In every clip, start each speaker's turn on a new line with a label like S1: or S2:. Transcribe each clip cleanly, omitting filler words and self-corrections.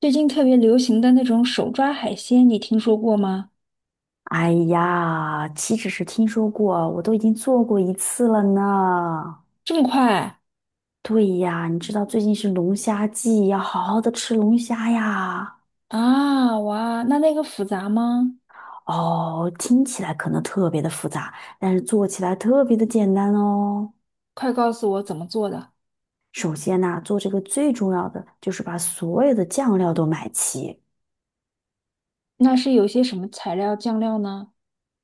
S1: 最近特别流行的那种手抓海鲜，你听说过吗？
S2: 哎呀，岂止是听说过，我都已经做过一次了呢。
S1: 这么快
S2: 对呀，你知道最近是龙虾季，要好好的吃龙虾呀。
S1: 啊！哇，那个复杂吗？
S2: 哦，听起来可能特别的复杂，但是做起来特别的简单哦。
S1: 快告诉我怎么做的？
S2: 首先呢，做这个最重要的就是把所有的酱料都买齐，
S1: 那是有些什么材料酱料呢？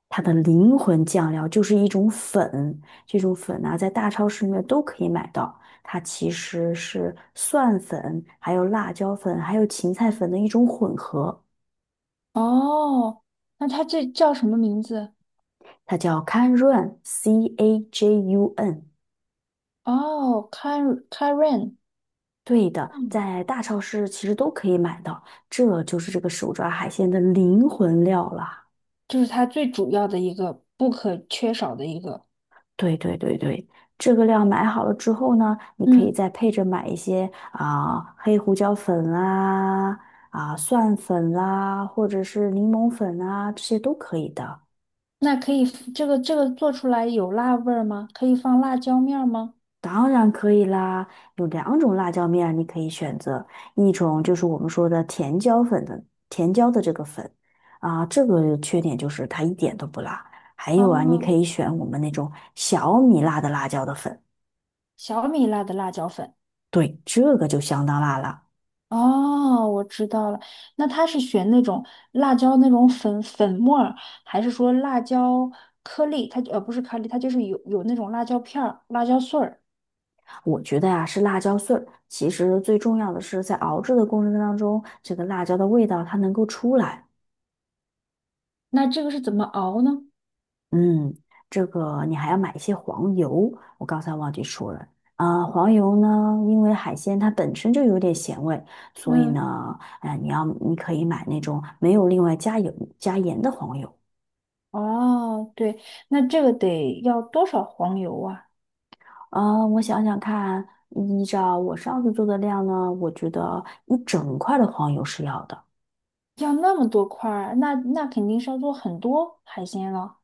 S2: 它的灵魂酱料就是一种粉，这种粉呢、在大超市里面都可以买到。它其实是蒜粉、还有辣椒粉、还有芹菜粉的一种混合，
S1: 哦，那它这叫什么名字？
S2: 它叫 Cajun，C A J U N。
S1: 哦 c a r e a r i n
S2: 对的，
S1: 嗯，
S2: 在大超市其实都可以买到，这就是这个手抓海鲜的灵魂料了。
S1: 就是它最主要的一个不可缺少的一个。
S2: 对对对对，这个料买好了之后呢，你可以
S1: 嗯，
S2: 再配着买一些啊、黑胡椒粉啦、啊蒜粉啦，或者是柠檬粉啊，这些都可以的。
S1: 那可以，这个做出来有辣味儿吗？可以放辣椒面儿吗？
S2: 当然可以啦，有两种辣椒面你可以选择，一种就是我们说的甜椒粉的甜椒的这个粉啊、这个缺点就是它一点都不辣。还有
S1: 啊，
S2: 啊，你可以选我们那种小米辣的辣椒的粉，
S1: 小米辣的辣椒粉。
S2: 对，这个就相当辣了。
S1: 哦，我知道了。那他是选那种辣椒那种粉粉末儿，还是说辣椒颗粒？它不是颗粒，它就是有那种辣椒片儿、辣椒碎儿。
S2: 我觉得呀、是辣椒碎儿。其实最重要的是，在熬制的过程当中，这个辣椒的味道它能够出来。
S1: 那这个是怎么熬呢？
S2: 嗯，这个你还要买一些黄油，我刚才忘记说了。啊、黄油呢，因为海鲜它本身就有点咸味，所以
S1: 嗯，
S2: 呢，你可以买那种没有另外加油加盐的黄油。
S1: 哦，对，那这个得要多少黄油啊？
S2: 啊、我想想看，依照我上次做的量呢，我觉得一整块的黄油是要的。
S1: 要那么多块儿，那肯定是要做很多海鲜了。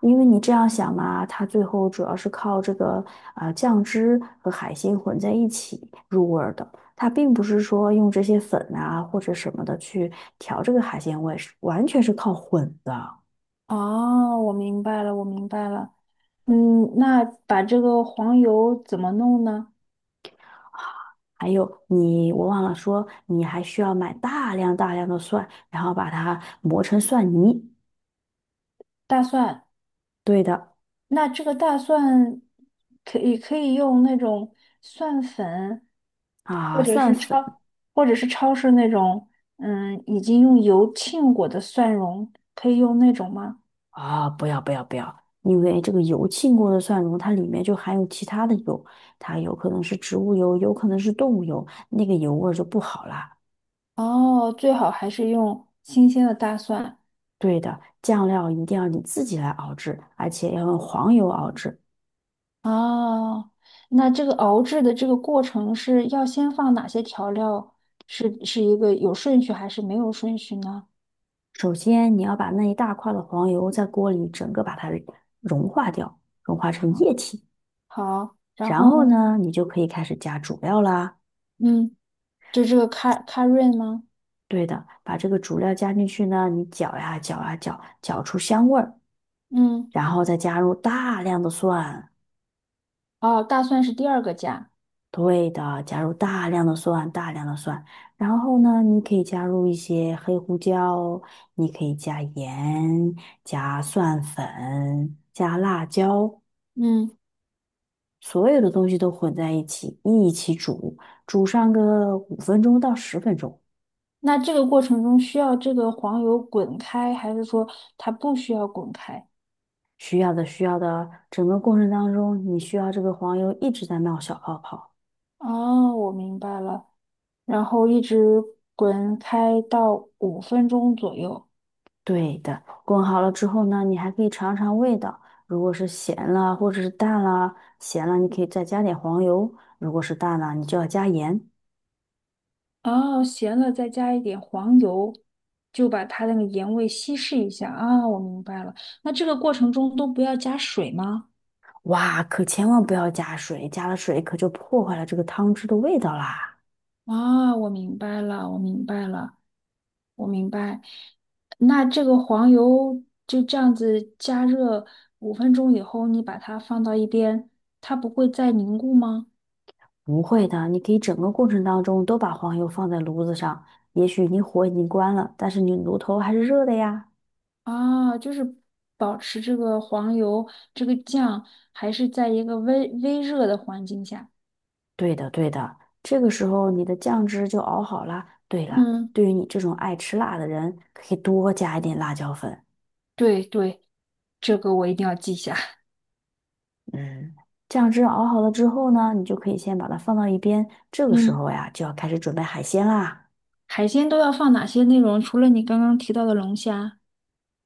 S2: 因为你这样想嘛，它最后主要是靠这个酱汁和海鲜混在一起入味儿的，它并不是说用这些粉啊或者什么的去调这个海鲜味，是完全是靠混的。
S1: 哦，我明白了，我明白了。嗯，那把这个黄油怎么弄呢？
S2: 还有你，我忘了说，你还需要买大量大量的蒜，然后把它磨成蒜泥。
S1: 大蒜。
S2: 对的
S1: 那这个大蒜可以用那种蒜粉，或
S2: 啊，
S1: 者
S2: 蒜
S1: 是
S2: 粉。
S1: 超或者是超市那种，嗯，已经用油浸过的蒜蓉，可以用那种吗？
S2: 啊，不要不要不要，因为这个油浸过的蒜蓉，它里面就含有其他的油，它有可能是植物油，有可能是动物油，那个油味儿就不好啦。
S1: 哦，最好还是用新鲜的大蒜。
S2: 对的，酱料一定要你自己来熬制，而且要用黄油熬制。
S1: 哦，那这个熬制的这个过程是要先放哪些调料？是一个有顺序还是没有顺序呢？
S2: 首先，你要把那一大块的黄油在锅里整个把它融化掉，融化成
S1: 好，
S2: 液体。
S1: 好，然
S2: 然
S1: 后
S2: 后
S1: 呢？
S2: 呢，你就可以开始加主料啦。
S1: 嗯，就这个咖润吗？
S2: 对的，把这个主料加进去呢，你搅呀搅呀搅，搅出香味儿。
S1: 嗯。
S2: 然后再加入大量的蒜，
S1: 哦，大蒜是第二个加。
S2: 对的，加入大量的蒜，大量的蒜。然后呢，你可以加入一些黑胡椒，你可以加盐、加蒜粉、加辣椒，
S1: 嗯，
S2: 所有的东西都混在一起，一起煮，煮上个5分钟到十分钟。
S1: 那这个过程中需要这个黄油滚开，还是说它不需要滚开？
S2: 需要的，需要的，整个过程当中，你需要这个黄油一直在冒小泡泡。
S1: 哦，我明白了。然后一直滚开到五分钟左右。
S2: 对的，滚好了之后呢，你还可以尝尝味道。如果是咸了或者是淡了，咸了你可以再加点黄油；如果是淡了，你就要加盐。
S1: 哦，咸了再加一点黄油，就把它那个盐味稀释一下。啊，我明白了。那这个过程中都不要加水吗？
S2: 哇，可千万不要加水，加了水可就破坏了这个汤汁的味道啦。
S1: 啊，我明白了，我明白了。我明白。那这个黄油就这样子加热五分钟以后，你把它放到一边，它不会再凝固吗？
S2: 不会的，你可以整个过程当中都把黄油放在炉子上，也许你火已经关了，但是你炉头还是热的呀。
S1: 啊，就是保持这个黄油这个酱还是在一个微微热的环境下。
S2: 对的，对的，这个时候你的酱汁就熬好啦。对了，
S1: 嗯，
S2: 对于你这种爱吃辣的人，可以多加一点辣椒粉。
S1: 对对，这个我一定要记下。
S2: 嗯，酱汁熬好了之后呢，你就可以先把它放到一边。这个时
S1: 嗯，
S2: 候呀，就要开始准备海鲜啦。
S1: 海鲜都要放哪些内容？除了你刚刚提到的龙虾，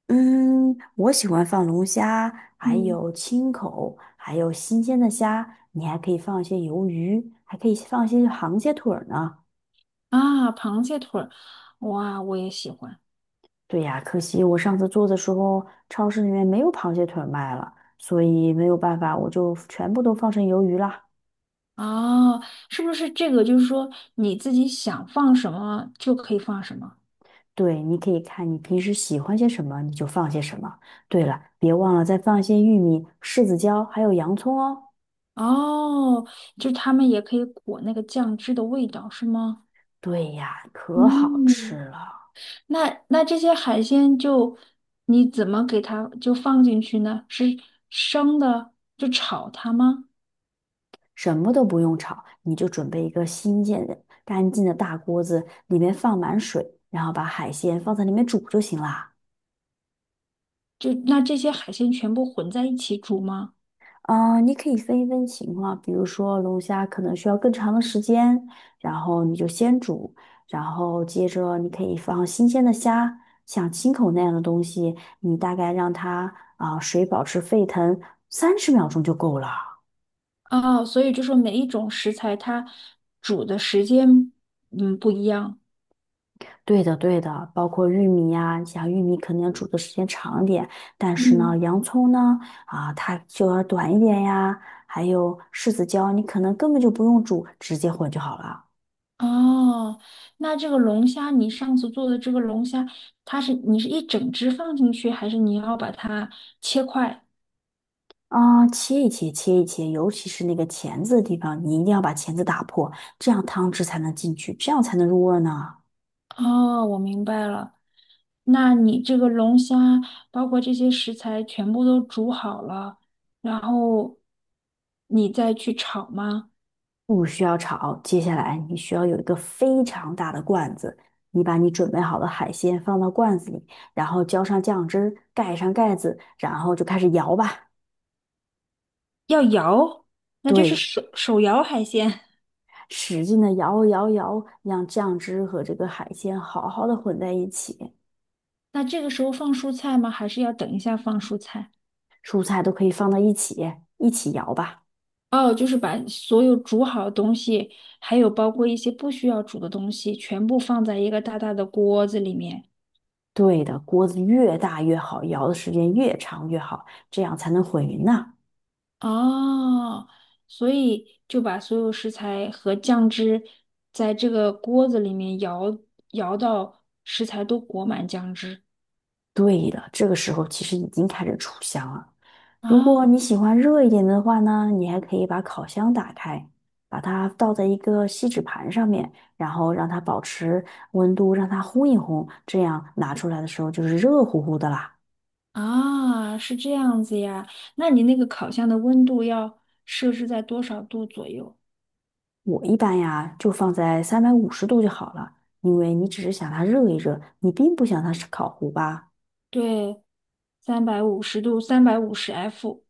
S2: 嗯，我喜欢放龙虾，还
S1: 嗯，
S2: 有青口，还有新鲜的虾。你还可以放一些鱿鱼，还可以放一些螃蟹腿儿呢。
S1: 啊，螃蟹腿儿，哇，我也喜欢。
S2: 对呀，可惜我上次做的时候，超市里面没有螃蟹腿儿卖了，所以没有办法，我就全部都放成鱿鱼啦。
S1: 哦，是不是这个就是说你自己想放什么就可以放什么？
S2: 对，你可以看你平时喜欢些什么，你就放些什么。对了，别忘了再放一些玉米、柿子椒，还有洋葱哦。
S1: 哦，就他们也可以裹那个酱汁的味道，是吗？
S2: 对呀，可好吃
S1: 嗯，
S2: 了，
S1: 那这些海鲜就你怎么给它就放进去呢？是生的就炒它吗？
S2: 什么都不用炒，你就准备一个新建的、干净的大锅子，里面放满水，然后把海鲜放在里面煮就行啦。
S1: 就那这些海鲜全部混在一起煮吗？
S2: 嗯，你可以分一分情况，比如说龙虾可能需要更长的时间，然后你就先煮，然后接着你可以放新鲜的虾，像青口那样的东西，你大概让它啊、水保持沸腾30秒钟就够了。
S1: 哦，所以就说每一种食材它煮的时间嗯不一样。
S2: 对的，对的，包括玉米呀、像玉米可能要煮的时间长一点，但是呢，
S1: 嗯。
S2: 洋葱呢，啊，它就要短一点呀，还有柿子椒，你可能根本就不用煮，直接混就好了。
S1: 哦，那这个龙虾，你上次做的这个龙虾，它是你是一整只放进去，还是你要把它切块？
S2: 啊、切一切，切一切，尤其是那个钳子的地方，你一定要把钳子打破，这样汤汁才能进去，这样才能入味儿呢。
S1: 哦，我明白了。那你这个龙虾，包括这些食材全部都煮好了，然后你再去炒吗？
S2: 不需要炒，接下来你需要有一个非常大的罐子，你把你准备好的海鲜放到罐子里，然后浇上酱汁儿盖上盖子，然后就开始摇吧。
S1: 要摇，那就是
S2: 对，
S1: 手摇海鲜。
S2: 使劲的摇摇摇，让酱汁和这个海鲜好好的混在一起，
S1: 那这个时候放蔬菜吗？还是要等一下放蔬菜？
S2: 蔬菜都可以放到一起，一起摇吧。
S1: 哦，就是把所有煮好的东西，还有包括一些不需要煮的东西，全部放在一个大大的锅子里面。
S2: 对的，锅子越大越好，摇的时间越长越好，这样才能混匀呐。
S1: 哦，所以就把所有食材和酱汁在这个锅子里面摇摇到食材都裹满酱汁。
S2: 对的，这个时候其实已经开始出香了。如
S1: 啊
S2: 果你喜欢热一点的话呢，你还可以把烤箱打开，把它倒在一个锡纸盘上面，然后让它保持温度，让它烘一烘，这样拿出来的时候就是热乎乎的啦。
S1: 啊，是这样子呀。那你那个烤箱的温度要设置在多少度左右？
S2: 我一般呀就放在350度就好了，因为你只是想它热一热，你并不想它是烤糊吧。
S1: 对，350度，350°F。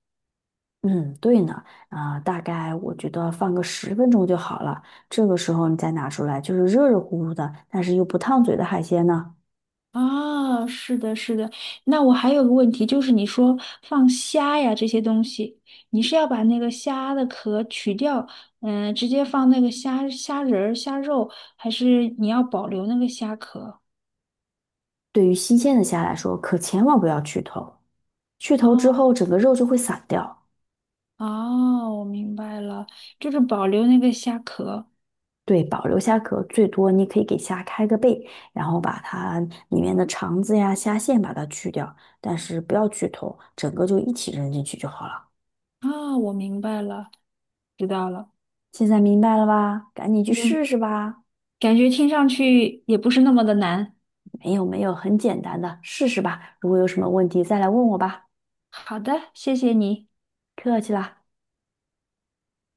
S2: 嗯，对呢，啊、大概我觉得放个十分钟就好了。这个时候你再拿出来，就是热热乎乎的，但是又不烫嘴的海鲜呢，
S1: 啊，是的，是的。那我还有个问题，就是你说放虾呀这些东西，你是要把那个虾的壳取掉，嗯，直接放那个虾仁儿、虾肉，还是你要保留那个虾壳？
S2: 对于新鲜的虾来说，可千万不要去头。去头之
S1: 哦
S2: 后，整个肉就会散掉。
S1: 哦，我明白了，就是保留那个虾壳。
S2: 对，保留虾壳，最多你可以给虾开个背，然后把它里面的肠子呀、虾线把它去掉，但是不要去头，整个就一起扔进去就好了。
S1: 啊，我明白了，知道了。
S2: 现在明白了吧？赶紧去试
S1: 明，
S2: 试吧。
S1: 感觉听上去也不是那么的难。
S2: 没有没有，很简单的，试试吧。如果有什么问题再来问我吧。
S1: 好的，谢谢你。
S2: 客气啦。